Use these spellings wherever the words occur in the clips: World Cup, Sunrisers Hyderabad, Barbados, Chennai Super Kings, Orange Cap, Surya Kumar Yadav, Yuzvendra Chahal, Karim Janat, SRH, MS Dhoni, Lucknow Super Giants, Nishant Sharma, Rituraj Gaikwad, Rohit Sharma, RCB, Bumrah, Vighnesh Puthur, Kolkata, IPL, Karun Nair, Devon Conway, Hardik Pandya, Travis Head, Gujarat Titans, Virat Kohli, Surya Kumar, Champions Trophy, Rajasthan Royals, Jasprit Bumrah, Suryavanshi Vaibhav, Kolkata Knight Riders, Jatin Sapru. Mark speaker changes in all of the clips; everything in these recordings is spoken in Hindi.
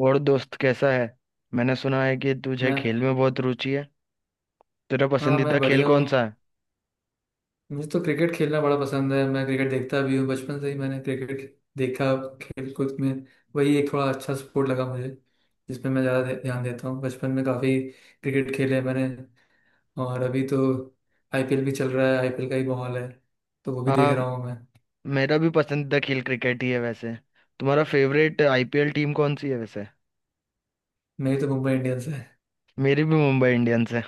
Speaker 1: और दोस्त कैसा है? मैंने सुना है कि तुझे
Speaker 2: मैं
Speaker 1: खेल में बहुत रुचि है। तेरा
Speaker 2: हाँ
Speaker 1: पसंदीदा
Speaker 2: मैं
Speaker 1: खेल
Speaker 2: बढ़िया
Speaker 1: कौन सा
Speaker 2: हूँ।
Speaker 1: है?
Speaker 2: मुझे तो क्रिकेट खेलना बड़ा पसंद है। मैं क्रिकेट देखता भी हूँ बचपन से ही मैंने क्रिकेट देखा खेल कूद में। वही एक थोड़ा अच्छा स्पोर्ट लगा मुझे, जिसमें मैं ज़्यादा ध्यान देता हूँ। बचपन में काफ़ी क्रिकेट खेले मैंने। और अभी तो आईपीएल भी चल रहा है, आईपीएल का ही माहौल है, तो वो भी देख
Speaker 1: हाँ,
Speaker 2: रहा हूँ मैं।
Speaker 1: मेरा भी पसंदीदा खेल क्रिकेट ही है वैसे। तुम्हारा फेवरेट आईपीएल टीम कौन सी है वैसे?
Speaker 2: मेरी तो मुंबई इंडियंस है
Speaker 1: मेरी भी मुंबई इंडियंस है।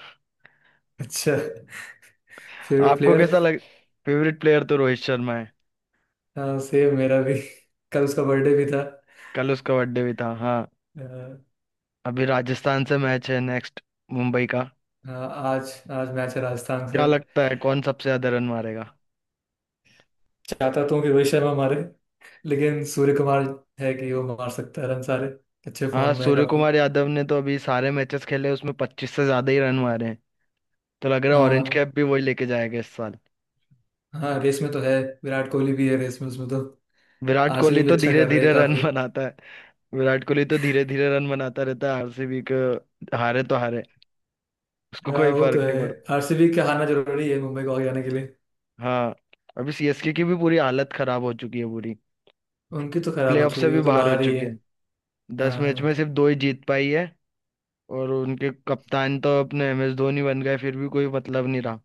Speaker 2: अच्छा। फेवरेट
Speaker 1: आपको
Speaker 2: प्लेयर।
Speaker 1: कैसा लग। फेवरेट प्लेयर तो रोहित शर्मा है।
Speaker 2: हाँ सेम मेरा भी। कल उसका बर्थडे भी था।
Speaker 1: कल उसका बर्थडे भी था। हाँ।
Speaker 2: अ,
Speaker 1: अभी राजस्थान से मैच है नेक्स्ट, मुंबई का।
Speaker 2: हाँ आज आज मैच है राजस्थान
Speaker 1: क्या
Speaker 2: से।
Speaker 1: लगता है कौन सबसे ज्यादा रन मारेगा?
Speaker 2: चाहता तो हूँ कि रोहित शर्मा मारे, लेकिन सूर्य कुमार है कि वो मार सकता है रन सारे। अच्छे
Speaker 1: हाँ,
Speaker 2: फॉर्म में है
Speaker 1: सूर्य
Speaker 2: काफी।
Speaker 1: कुमार यादव ने तो अभी सारे मैचेस खेले, उसमें 25 से ज्यादा ही रन मारे हैं। तो लग रहा है ऑरेंज
Speaker 2: हाँ।
Speaker 1: कैप भी वही लेके जाएगा इस साल।
Speaker 2: हाँ रेस में तो है, विराट कोहली भी है रेस में उसमें तो।
Speaker 1: विराट कोहली
Speaker 2: आरसीबी भी
Speaker 1: तो
Speaker 2: अच्छा
Speaker 1: धीरे
Speaker 2: कर रहे हैं
Speaker 1: धीरे रन
Speaker 2: काफी।
Speaker 1: बनाता है। विराट कोहली तो धीरे धीरे रन बनाता रहता है आरसीबी को। हारे तो हारे। उसको
Speaker 2: हाँ
Speaker 1: कोई
Speaker 2: वो तो
Speaker 1: फर्क नहीं
Speaker 2: है।
Speaker 1: पड़ता।
Speaker 2: आरसीबी के हारना जरूरी है मुंबई को आगे आने के लिए।
Speaker 1: हाँ, अभी सीएसके की भी पूरी हालत खराब हो चुकी है, पूरी।
Speaker 2: उनकी तो खराब हो
Speaker 1: प्लेऑफ से
Speaker 2: चुकी है,
Speaker 1: भी
Speaker 2: वो तो
Speaker 1: बाहर हो
Speaker 2: बाहर ही
Speaker 1: चुकी
Speaker 2: है।
Speaker 1: है। 10 मैच में
Speaker 2: हाँ।
Speaker 1: सिर्फ दो ही जीत पाई है। और उनके कप्तान तो अपने एम एस धोनी बन गए, फिर भी कोई मतलब नहीं रहा।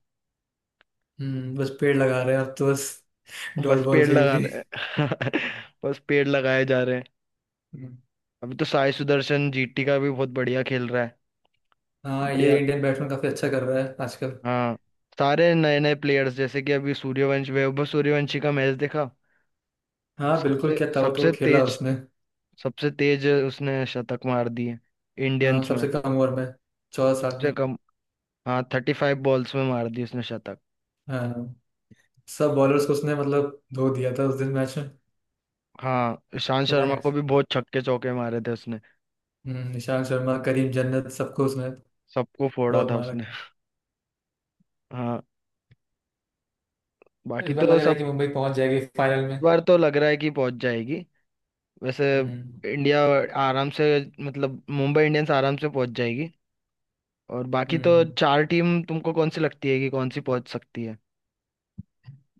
Speaker 2: हम्म, बस पेड़ लगा रहे हैं अब तो, बस डॉट
Speaker 1: बस
Speaker 2: बॉल
Speaker 1: पेड़
Speaker 2: खेल
Speaker 1: लगा
Speaker 2: के।
Speaker 1: रहे हैं। बस पेड़ लगाए जा रहे हैं।
Speaker 2: हम्म,
Speaker 1: अभी तो साई सुदर्शन जीटी का भी बहुत बढ़िया खेल रहा है।
Speaker 2: हाँ ये
Speaker 1: बढ़िया।
Speaker 2: इंडियन बैट्समैन काफी अच्छा कर रहा है आजकल।
Speaker 1: हाँ, सारे नए नए प्लेयर्स, जैसे कि अभी सूर्यवंशी, वैभव सूर्यवंशी का मैच देखा।
Speaker 2: हाँ बिल्कुल,
Speaker 1: सबसे
Speaker 2: क्या ताबड़तोड़
Speaker 1: सबसे
Speaker 2: खेला
Speaker 1: तेज,
Speaker 2: उसने।
Speaker 1: सबसे तेज उसने शतक मार दिए
Speaker 2: हाँ
Speaker 1: इंडियंस में।
Speaker 2: सबसे कम ओवर में, 14 साल
Speaker 1: सबसे
Speaker 2: में।
Speaker 1: कम। हाँ, 35 बॉल्स में मार दी उसने शतक।
Speaker 2: हाँ सब बॉलर्स को उसने मतलब धो दिया था उस दिन मैच में।
Speaker 1: हाँ, ईशांत शर्मा
Speaker 2: वन
Speaker 1: को भी बहुत छक्के चौके मारे थे उसने।
Speaker 2: निशांत शर्मा, करीम जन्नत, सबको उसने
Speaker 1: सबको फोड़ा
Speaker 2: बहुत
Speaker 1: था
Speaker 2: मारा
Speaker 1: उसने।
Speaker 2: था।
Speaker 1: हाँ।
Speaker 2: इस
Speaker 1: बाकी
Speaker 2: बार
Speaker 1: तो
Speaker 2: लग रहा है
Speaker 1: सब,
Speaker 2: कि मुंबई पहुंच जाएगी फाइनल में।
Speaker 1: बार तो लग रहा है कि पहुंच जाएगी वैसे।
Speaker 2: हम्म।
Speaker 1: इंडिया आराम से, मतलब मुंबई इंडियंस आराम से पहुंच जाएगी। और बाकी तो
Speaker 2: हम्म।
Speaker 1: चार टीम तुमको कौन सी लगती है कि कौन सी पहुंच सकती है?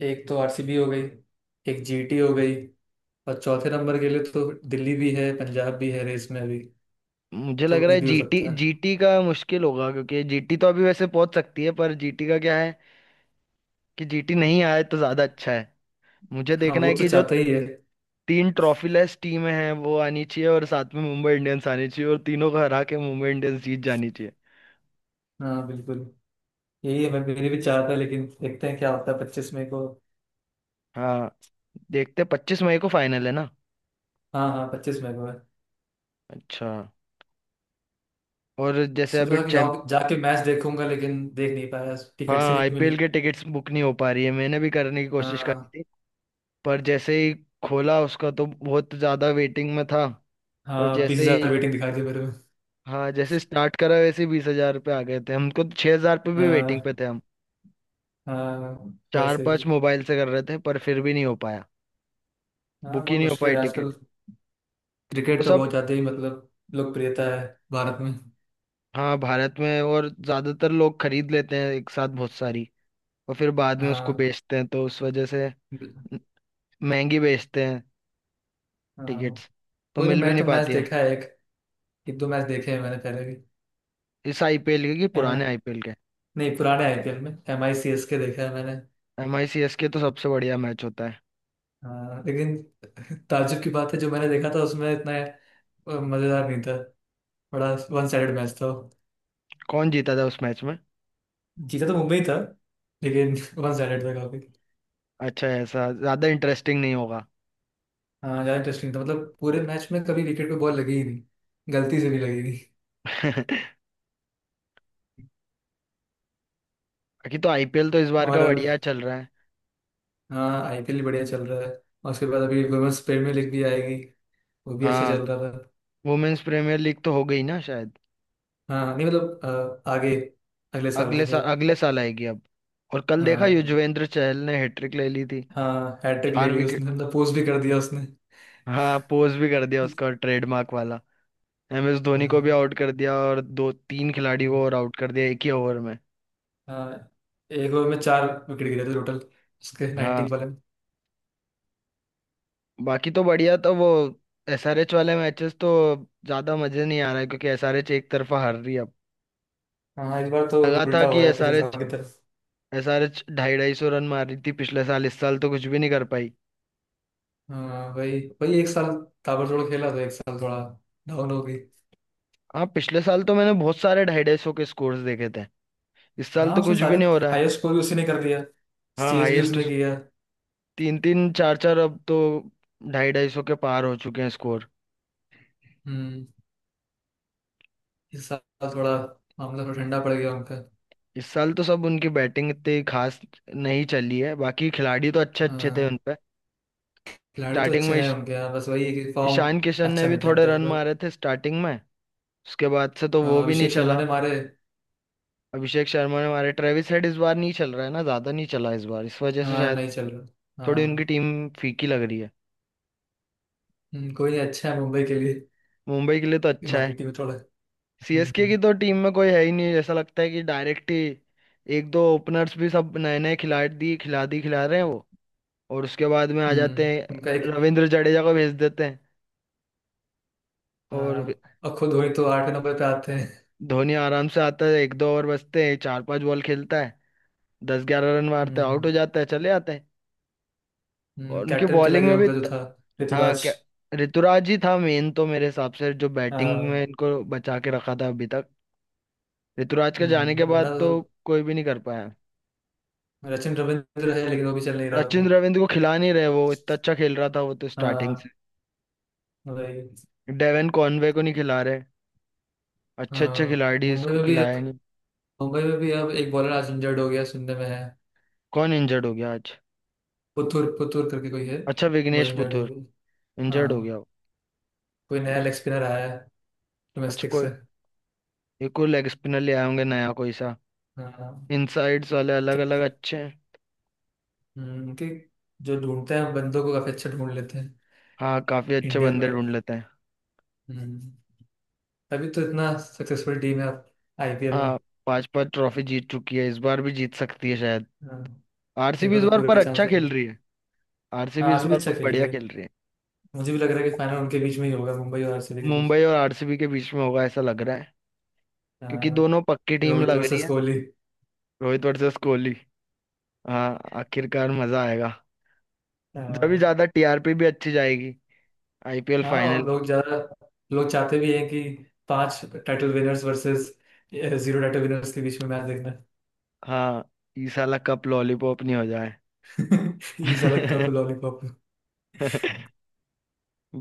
Speaker 2: एक तो आरसीबी हो गई, एक जीटी हो गई, और चौथे नंबर के लिए तो दिल्ली भी है, पंजाब भी है रेस में अभी,
Speaker 1: मुझे लग
Speaker 2: तो
Speaker 1: रहा
Speaker 2: कुछ
Speaker 1: है
Speaker 2: भी हो
Speaker 1: जीटी,
Speaker 2: सकता है।
Speaker 1: जीटी का मुश्किल होगा, क्योंकि जीटी तो अभी वैसे पहुंच सकती है, पर जीटी का क्या है कि जीटी नहीं आए तो ज्यादा अच्छा है। मुझे
Speaker 2: हाँ
Speaker 1: देखना
Speaker 2: वो
Speaker 1: है
Speaker 2: तो
Speaker 1: कि जो
Speaker 2: चाहता ही है।
Speaker 1: तीन ट्रॉफी लेस टीमें हैं वो आनी चाहिए, और साथ में मुंबई इंडियंस आनी चाहिए, और तीनों को हरा के मुंबई इंडियंस जीत जानी चाहिए।
Speaker 2: हाँ बिल्कुल, यही है मैं मेरे भी चाहता है, लेकिन देखते हैं क्या होता है 25 मई को।
Speaker 1: हाँ। देखते 25 मई को फाइनल है ना।
Speaker 2: हाँ हाँ, 25 मई को है।
Speaker 1: अच्छा। और जैसे
Speaker 2: सोचा
Speaker 1: अभी
Speaker 2: था कि
Speaker 1: चैंप।
Speaker 2: जाओ जाके मैच देखूंगा, लेकिन देख नहीं पाया, टिकट्स ही
Speaker 1: हाँ,
Speaker 2: नहीं मिली।
Speaker 1: आईपीएल के टिकट्स बुक नहीं हो पा रही है, मैंने भी करने की कोशिश करी
Speaker 2: हाँ।
Speaker 1: थी, पर जैसे ही खोला उसका तो बहुत ज्यादा वेटिंग में था। और
Speaker 2: हाँ बीस
Speaker 1: जैसे ही,
Speaker 2: हजार वेटिंग दिखा दी मेरे को।
Speaker 1: हाँ, जैसे स्टार्ट करा वैसे 20,000 पे आ गए थे, हमको तो 6,000 पे भी वेटिंग पे
Speaker 2: हाँ।
Speaker 1: थे हम।
Speaker 2: हाँ
Speaker 1: चार
Speaker 2: वैसे ही।
Speaker 1: पांच मोबाइल से कर रहे थे, पर फिर भी नहीं हो पाया।
Speaker 2: हाँ
Speaker 1: बुक ही
Speaker 2: बहुत
Speaker 1: नहीं हो
Speaker 2: मुश्किल
Speaker 1: पाई
Speaker 2: है
Speaker 1: टिकट।
Speaker 2: आजकल।
Speaker 1: वो
Speaker 2: क्रिकेट तो
Speaker 1: सब।
Speaker 2: बहुत ज़्यादा ही मतलब लोकप्रियता है भारत में।
Speaker 1: हाँ, भारत में, और ज्यादातर लोग खरीद लेते हैं एक साथ बहुत सारी, और फिर बाद में उसको
Speaker 2: हाँ।
Speaker 1: बेचते हैं, तो उस वजह से
Speaker 2: बिल-
Speaker 1: महंगी बेचते हैं।
Speaker 2: हाँ
Speaker 1: टिकट्स तो
Speaker 2: कोई नहीं,
Speaker 1: मिल भी
Speaker 2: मैं
Speaker 1: नहीं
Speaker 2: तो मैच
Speaker 1: पाती है।
Speaker 2: देखा है एक, एक दो मैच देखे हैं मैंने पहले भी।
Speaker 1: इस आईपीएल के कि
Speaker 2: एम आई
Speaker 1: पुराने आईपीएल के।
Speaker 2: नहीं, पुराने आईपीएल में एम आई सी एस के देखा है मैंने।
Speaker 1: एम आई सी एस के तो सबसे बढ़िया मैच होता है।
Speaker 2: हाँ लेकिन ताज्जुब की बात है, जो मैंने देखा था उसमें इतना मज़ेदार नहीं था। बड़ा वन साइडेड मैच था वो।
Speaker 1: कौन जीता था उस मैच में?
Speaker 2: जीता तो मुंबई था, लेकिन वन साइडेड था।
Speaker 1: अच्छा, ऐसा ज्यादा इंटरेस्टिंग नहीं होगा।
Speaker 2: हाँ ज्यादा इंटरेस्टिंग था, मतलब पूरे मैच में कभी विकेट पे बॉल लगी ही नहीं, गलती से भी लगी नहीं।
Speaker 1: बाकी तो आईपीएल तो इस बार
Speaker 2: और
Speaker 1: का
Speaker 2: अभी,
Speaker 1: बढ़िया चल रहा है।
Speaker 2: हाँ आईपीएल भी बढ़िया चल रहा है। और उसके बाद अभी वुमेन्स प्रीमियर लीग भी आएगी, वो भी अच्छा
Speaker 1: हाँ।
Speaker 2: चल रहा था।
Speaker 1: वुमेन्स प्रीमियर लीग तो हो गई ना शायद।
Speaker 2: हाँ नहीं मतलब आगे, अगले साल के
Speaker 1: अगले
Speaker 2: लिए।
Speaker 1: साल, अगले साल आएगी अब। और कल देखा
Speaker 2: हाँ।
Speaker 1: युजवेंद्र चहल ने हैट्रिक ले ली थी।
Speaker 2: हाँ हैट्रिक ले
Speaker 1: चार
Speaker 2: ली
Speaker 1: विकेट।
Speaker 2: उसने, मतलब पोस्ट भी कर दिया उसने।
Speaker 1: हाँ, पोज भी कर दिया उसका ट्रेडमार्क वाला। एम एस धोनी को भी
Speaker 2: हाँ।
Speaker 1: आउट कर दिया, और दो तीन खिलाड़ी को और आउट कर दिया एक ही ओवर में।
Speaker 2: हाँ, एक ओवर में चार विकेट गिरे थे टोटल, उसके
Speaker 1: हाँ।
Speaker 2: 19 बॉल में।
Speaker 1: बाकी तो बढ़िया, तो वो एसआरएच वाले मैचेस तो ज्यादा मजे नहीं आ रहा है, क्योंकि एसआरएच एक तरफा हार रही है अब।
Speaker 2: हाँ इस बार तो
Speaker 1: लगा था
Speaker 2: उल्टा
Speaker 1: कि
Speaker 2: हुआ है पिछले साल
Speaker 1: एसआरएच
Speaker 2: की तरफ।
Speaker 1: एसआरएच ढाई ढाई सौ रन मार रही थी पिछले साल, इस साल तो कुछ भी नहीं कर पाई।
Speaker 2: हाँ वही वही एक साल ताबड़तोड़ खेला, तो एक साल थोड़ा डाउन हो गई।
Speaker 1: हाँ, पिछले साल तो मैंने बहुत सारे ढाई ढाई सौ के स्कोर्स देखे थे। इस साल
Speaker 2: हाँ
Speaker 1: तो
Speaker 2: उसने
Speaker 1: कुछ भी
Speaker 2: सारे
Speaker 1: नहीं हो रहा है।
Speaker 2: हाईएस्ट स्कोर भी उसी ने कर दिया,
Speaker 1: हाँ,
Speaker 2: चेस भी
Speaker 1: हाईएस्ट,
Speaker 2: उसने किया।
Speaker 1: तीन तीन चार चार अब तो ढाई ढाई सौ के पार हो चुके हैं स्कोर।
Speaker 2: हम्म, इस साल थोड़ा, मामला थोड़ा ठंडा पड़ गया उनका।
Speaker 1: इस साल तो सब उनकी बैटिंग इतनी खास नहीं चली है, बाकी खिलाड़ी तो अच्छे अच्छे थे
Speaker 2: हाँ
Speaker 1: उनपे।
Speaker 2: खिलाड़ी तो
Speaker 1: स्टार्टिंग
Speaker 2: अच्छे
Speaker 1: में
Speaker 2: हैं उनके यहाँ, बस वही है कि फॉर्म
Speaker 1: ईशान किशन ने
Speaker 2: अच्छा
Speaker 1: भी
Speaker 2: नहीं था
Speaker 1: थोड़े
Speaker 2: इनका इस
Speaker 1: रन
Speaker 2: बार।
Speaker 1: मारे थे स्टार्टिंग में। उसके बाद से तो वो
Speaker 2: हाँ,
Speaker 1: भी नहीं
Speaker 2: अभिषेक शर्मा
Speaker 1: चला।
Speaker 2: ने मारे।
Speaker 1: अभिषेक शर्मा ने मारे, ट्रेविस हेड इस बार नहीं चल रहा है ना, ज्यादा नहीं चला इस बार, इस वजह से
Speaker 2: हाँ
Speaker 1: शायद
Speaker 2: नहीं चल रहा,
Speaker 1: थोड़ी उनकी
Speaker 2: हाँ।
Speaker 1: टीम फीकी लग रही है।
Speaker 2: कोई नहीं, अच्छा है मुंबई के लिए।
Speaker 1: मुंबई के लिए तो
Speaker 2: ये
Speaker 1: अच्छा है।
Speaker 2: बाकी टीम थोड़ा। हम्म।
Speaker 1: सीएसके की तो टीम में कोई है ही नहीं, ऐसा लगता है कि डायरेक्ट ही एक दो ओपनर्स भी सब नए नए खिला रहे हैं वो, और उसके बाद में आ जाते हैं
Speaker 2: उनका एक,
Speaker 1: रविंद्र जडेजा को भेज देते हैं।
Speaker 2: हाँ
Speaker 1: और
Speaker 2: और खुद हुई तो आठ नंबर पे आते हैं।
Speaker 1: धोनी आराम से आता है, एक दो ओवर बचते हैं, चार पांच बॉल खेलता है, दस ग्यारह रन मारता है, आउट
Speaker 2: हम्म।
Speaker 1: हो जाता है, चले आते हैं। और उनकी
Speaker 2: कैप्टन चला
Speaker 1: बॉलिंग
Speaker 2: गया
Speaker 1: में भी
Speaker 2: उनका जो था,
Speaker 1: हाँ
Speaker 2: ऋतुराज।
Speaker 1: क्या। ऋतुराज ही था मेन तो मेरे हिसाब से, जो बैटिंग में
Speaker 2: हाँ।
Speaker 1: इनको बचा के रखा था अभी तक। ऋतुराज के जाने के
Speaker 2: हम्म, वरना
Speaker 1: बाद तो
Speaker 2: तो
Speaker 1: कोई भी नहीं कर पाया।
Speaker 2: सचिन रविंद्र है लेकिन वो भी चल नहीं रहा
Speaker 1: सचिन
Speaker 2: था।
Speaker 1: रविंद्र को खिला नहीं रहे, वो इतना अच्छा खेल रहा था वो तो स्टार्टिंग से।
Speaker 2: हाँ वही।
Speaker 1: डेवन कॉनवे को नहीं खिला रहे। अच्छे अच्छे
Speaker 2: हाँ
Speaker 1: खिलाड़ी इसको खिलाया नहीं।
Speaker 2: मुंबई में भी अब एक बॉलर आज इंजर्ड हो गया सुनने में है।
Speaker 1: कौन इंजर्ड हो गया आज?
Speaker 2: पुथुर पुथुर करके कोई है,
Speaker 1: अच्छा,
Speaker 2: वो
Speaker 1: विघ्नेश
Speaker 2: इंजर्ड हो
Speaker 1: पुथुर
Speaker 2: गया।
Speaker 1: इंजर्ड हो
Speaker 2: हाँ
Speaker 1: गया
Speaker 2: कोई
Speaker 1: वो।
Speaker 2: नया लेग स्पिनर आया है
Speaker 1: अच्छा
Speaker 2: डोमेस्टिक
Speaker 1: कोई,
Speaker 2: से।
Speaker 1: ये कोई लेग स्पिनर ले आए होंगे नया कोई सा।
Speaker 2: हाँ
Speaker 1: इनसाइड्स वाले अलग
Speaker 2: क्या।
Speaker 1: अलग अच्छे हैं।
Speaker 2: कि जो ढूंढते हैं बंदों को काफी अच्छा ढूंढ लेते हैं
Speaker 1: हाँ, काफी अच्छे
Speaker 2: इंडिया
Speaker 1: बंदे
Speaker 2: पर।
Speaker 1: ढूंढ लेते हैं।
Speaker 2: हम्म, तभी तो इतना सक्सेसफुल टीम है आईपीएल में।
Speaker 1: हाँ, पांच पांच ट्रॉफी जीत चुकी है, इस बार भी जीत सकती है शायद।
Speaker 2: हाँ, इस
Speaker 1: आरसीबी
Speaker 2: बार
Speaker 1: इस
Speaker 2: तो
Speaker 1: बार पर
Speaker 2: पूरे
Speaker 1: अच्छा
Speaker 2: चांसेस
Speaker 1: खेल
Speaker 2: हैं।
Speaker 1: रही है।
Speaker 2: हाँ
Speaker 1: आरसीबी इस
Speaker 2: आरसीबी
Speaker 1: बार
Speaker 2: अच्छा
Speaker 1: बहुत
Speaker 2: खेल
Speaker 1: बढ़िया
Speaker 2: रही है,
Speaker 1: खेल रही है।
Speaker 2: मुझे भी लग रहा है कि फाइनल उनके बीच में ही होगा, मुंबई और आरसीबी के बीच।
Speaker 1: मुंबई और आरसीबी के बीच में होगा ऐसा लग रहा है,
Speaker 2: अ,
Speaker 1: क्योंकि दोनों पक्की टीम
Speaker 2: रोहित
Speaker 1: लग रही
Speaker 2: वर्सेस
Speaker 1: है।
Speaker 2: कोहली।
Speaker 1: रोहित वर्सेस कोहली। हाँ, आखिरकार मजा आएगा,
Speaker 2: अ,
Speaker 1: जब ज्यादा टीआरपी भी अच्छी जाएगी आईपीएल
Speaker 2: हाँ और
Speaker 1: फाइनल की।
Speaker 2: लोग ज्यादा लोग चाहते भी हैं कि पांच title winners versus zero title winners के बीच में मैच देखना।
Speaker 1: हाँ, इस साला कप लॉलीपॉप नहीं हो जाए।
Speaker 2: ये अलग कप लॉलीपॉप।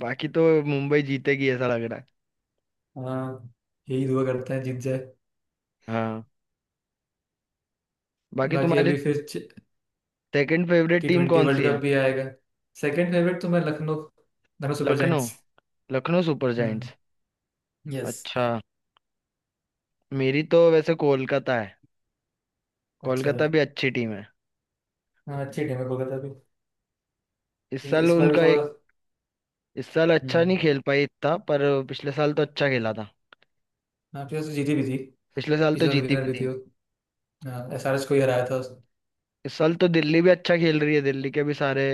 Speaker 1: बाकी तो मुंबई जीतेगी ऐसा लग रहा है।
Speaker 2: हाँ यही दुआ करता है जीत जाए।
Speaker 1: हाँ। बाकी
Speaker 2: बाकी
Speaker 1: तुम्हारी
Speaker 2: अभी फिर
Speaker 1: second favourite
Speaker 2: T
Speaker 1: team
Speaker 2: twenty
Speaker 1: कौन
Speaker 2: वर्ल्ड
Speaker 1: सी
Speaker 2: कप
Speaker 1: है?
Speaker 2: भी आएगा। सेकंड फेवरेट तो मैं Lucknow, Lucknow super
Speaker 1: Lucknow,
Speaker 2: giants.
Speaker 1: Lucknow super
Speaker 2: हम्म,
Speaker 1: जायंट्स।
Speaker 2: यस।
Speaker 1: अच्छा, मेरी तो वैसे कोलकाता है।
Speaker 2: अच्छा।
Speaker 1: कोलकाता भी अच्छी टीम है।
Speaker 2: हाँ अच्छी टीम है कोलकाता भी।
Speaker 1: इस
Speaker 2: ये
Speaker 1: साल
Speaker 2: इस बार भी
Speaker 1: उनका एक,
Speaker 2: थोड़ा।
Speaker 1: इस साल अच्छा
Speaker 2: हम्म।
Speaker 1: नहीं खेल पाई इतना पर। पिछले साल तो अच्छा खेला था।
Speaker 2: हाँ प्लेयर्स तो जीती भी थी,
Speaker 1: पिछले साल तो
Speaker 2: पिछला तो
Speaker 1: जीती
Speaker 2: विनर
Speaker 1: भी।
Speaker 2: भी थी वो, एस आर एच को ही हराया था उसने।
Speaker 1: इस साल तो दिल्ली भी अच्छा खेल रही है, दिल्ली के भी सारे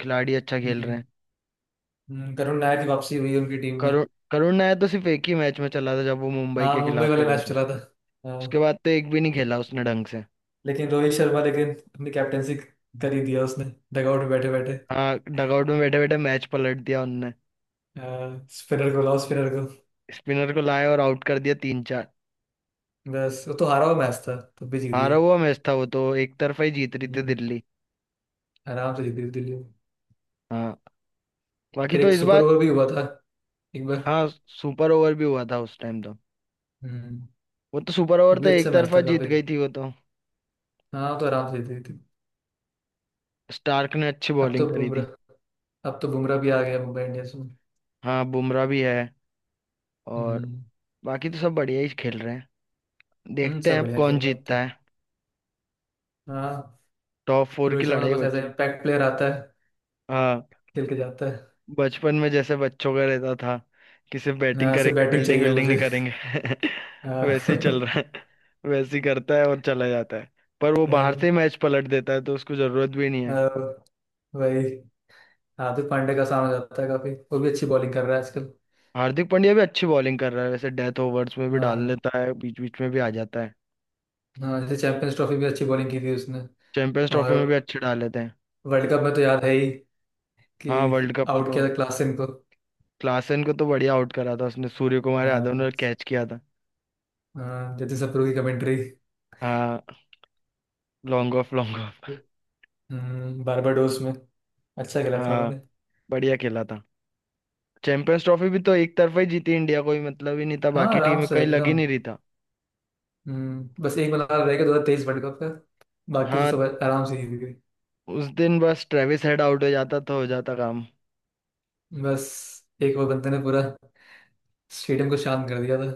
Speaker 1: खिलाड़ी अच्छा खेल रहे हैं।
Speaker 2: हम्म। करुण नायर की वापसी हुई उनकी टीम में।
Speaker 1: करुण करुण नायर तो सिर्फ एक ही मैच में चला था, जब वो मुंबई
Speaker 2: हाँ
Speaker 1: के
Speaker 2: मुंबई
Speaker 1: खिलाफ
Speaker 2: वाला
Speaker 1: खेला
Speaker 2: मैच
Speaker 1: था।
Speaker 2: चला था।
Speaker 1: उसके
Speaker 2: हाँ,
Speaker 1: बाद तो एक भी नहीं खेला उसने ढंग से।
Speaker 2: लेकिन रोहित शर्मा लेकिन अपनी कैप्टेंसी कर ही दिया उसने, डगआउट में बैठे बैठे।
Speaker 1: हाँ, डगआउट में बैठे बैठे मैच पलट दिया उनने।
Speaker 2: स्पिनर को।
Speaker 1: स्पिनर को लाए और आउट कर दिया तीन चार।
Speaker 2: बस वो तो हारा हुआ मैच था, तब भी जीत गई।
Speaker 1: हारा हुआ मैच था, वो तो एक तरफा ही जीत रही थी
Speaker 2: हम्म,
Speaker 1: दिल्ली।
Speaker 2: आराम से जीत गई दिल्ली।
Speaker 1: हाँ। बाकी
Speaker 2: फिर
Speaker 1: तो
Speaker 2: एक
Speaker 1: इस
Speaker 2: सुपर
Speaker 1: बार,
Speaker 2: ओवर भी हुआ था एक बार।
Speaker 1: हाँ, सुपर ओवर भी हुआ था उस टाइम तो।
Speaker 2: हम्म।
Speaker 1: वो तो सुपर ओवर
Speaker 2: वो
Speaker 1: तो
Speaker 2: भी अच्छा
Speaker 1: एक
Speaker 2: मैच
Speaker 1: तरफा
Speaker 2: था
Speaker 1: जीत
Speaker 2: काफी।
Speaker 1: गई थी वो तो।
Speaker 2: हाँ वो तो आराम से जीत गई थी।
Speaker 1: स्टार्क ने अच्छी
Speaker 2: अब
Speaker 1: बॉलिंग
Speaker 2: तो
Speaker 1: करी थी।
Speaker 2: बुमराह अब तो बुमराह भी आ गया मुंबई इंडियंस में।
Speaker 1: हाँ, बुमराह भी है। और
Speaker 2: हम्म।
Speaker 1: बाकी तो सब बढ़िया ही खेल रहे हैं।
Speaker 2: हम्म,
Speaker 1: देखते हैं
Speaker 2: सब
Speaker 1: अब
Speaker 2: बढ़िया
Speaker 1: कौन
Speaker 2: खेल रहे हैं अब तो।
Speaker 1: जीतता है।
Speaker 2: हाँ।
Speaker 1: टॉप फोर
Speaker 2: रोहित
Speaker 1: की
Speaker 2: शर्मा तो
Speaker 1: लड़ाई
Speaker 2: बस ऐसे
Speaker 1: बची।
Speaker 2: इम्पैक्ट प्लेयर आता है,
Speaker 1: हाँ,
Speaker 2: खेल के जाता है।
Speaker 1: बचपन में जैसे बच्चों का रहता था कि सिर्फ बैटिंग
Speaker 2: यहाँ से
Speaker 1: करेंगे,
Speaker 2: बैटिंग
Speaker 1: फील्डिंग
Speaker 2: चाहिए
Speaker 1: विल्डिंग नहीं
Speaker 2: मुझे।
Speaker 1: करेंगे।
Speaker 2: हाँ
Speaker 1: वैसे ही चल रहा है। वैसे ही करता है और चला जाता है। पर वो बाहर से
Speaker 2: हाँ,
Speaker 1: ही मैच पलट देता है, तो उसको जरूरत भी नहीं है।
Speaker 2: वही हार्दिक पांड्या का सामना जाता है काफी, वो भी अच्छी बॉलिंग कर रहा है आजकल।
Speaker 1: हार्दिक पांड्या भी अच्छी बॉलिंग कर रहा है वैसे, डेथ ओवर्स में भी डाल
Speaker 2: हाँ।
Speaker 1: लेता है, बीच बीच में भी आ जाता है।
Speaker 2: हाँ जैसे चैंपियंस ट्रॉफी भी अच्छी बॉलिंग की थी उसने।
Speaker 1: चैंपियंस ट्रॉफी में भी
Speaker 2: और
Speaker 1: अच्छे डाल लेते हैं।
Speaker 2: वर्ल्ड कप में तो याद है ही कि
Speaker 1: हाँ, वर्ल्ड कप में
Speaker 2: आउट
Speaker 1: तो
Speaker 2: किया था क्लासन को।
Speaker 1: क्लासन को तो बढ़िया आउट करा था उसने, सूर्य कुमार यादव
Speaker 2: हाँ।
Speaker 1: ने कैच किया था।
Speaker 2: हाँ, जतिन सप्रू की कमेंट्री।
Speaker 1: हाँ, long off, long off.
Speaker 2: Barbados में अच्छा खेला था
Speaker 1: हाँ।
Speaker 2: उन्होंने।
Speaker 1: बढ़िया खेला था। चैंपियंस ट्रॉफी भी तो एक तरफा ही जीती इंडिया, कोई मतलब ही नहीं था,
Speaker 2: हाँ
Speaker 1: बाकी टीम
Speaker 2: आराम
Speaker 1: में
Speaker 2: से
Speaker 1: कहीं लग ही
Speaker 2: एकदम।
Speaker 1: नहीं रही था।
Speaker 2: हम्म, बस एक मलाल रह गया 2023 वर्ल्ड कप का। बाकी तो
Speaker 1: हाँ,
Speaker 2: सब आराम से जीत गए।
Speaker 1: उस दिन बस ट्रेविस हेड आउट हो जाता तो हो जाता काम।
Speaker 2: बस एक और बंदे ने पूरा स्टेडियम को शांत कर दिया था।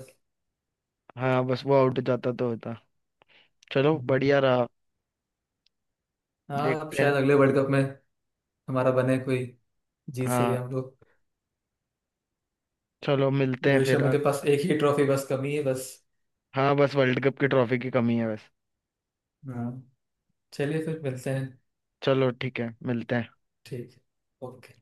Speaker 1: हाँ, बस वो आउट हो जाता तो होता। चलो,
Speaker 2: हम्म।
Speaker 1: बढ़िया रहा।
Speaker 2: हाँ अब
Speaker 1: देखते हैं।
Speaker 2: शायद अगले वर्ल्ड कप में हमारा बने कोई, जीत सके
Speaker 1: हाँ,
Speaker 2: हम लोग।
Speaker 1: चलो मिलते हैं
Speaker 2: रोहित
Speaker 1: फिर।
Speaker 2: शर्मा के पास एक ही ट्रॉफी बस कमी है बस।
Speaker 1: हाँ, बस वर्ल्ड कप की ट्रॉफी की कमी है बस।
Speaker 2: हाँ। चलिए फिर मिलते हैं।
Speaker 1: चलो, ठीक है, मिलते हैं।
Speaker 2: ठीक। ओके।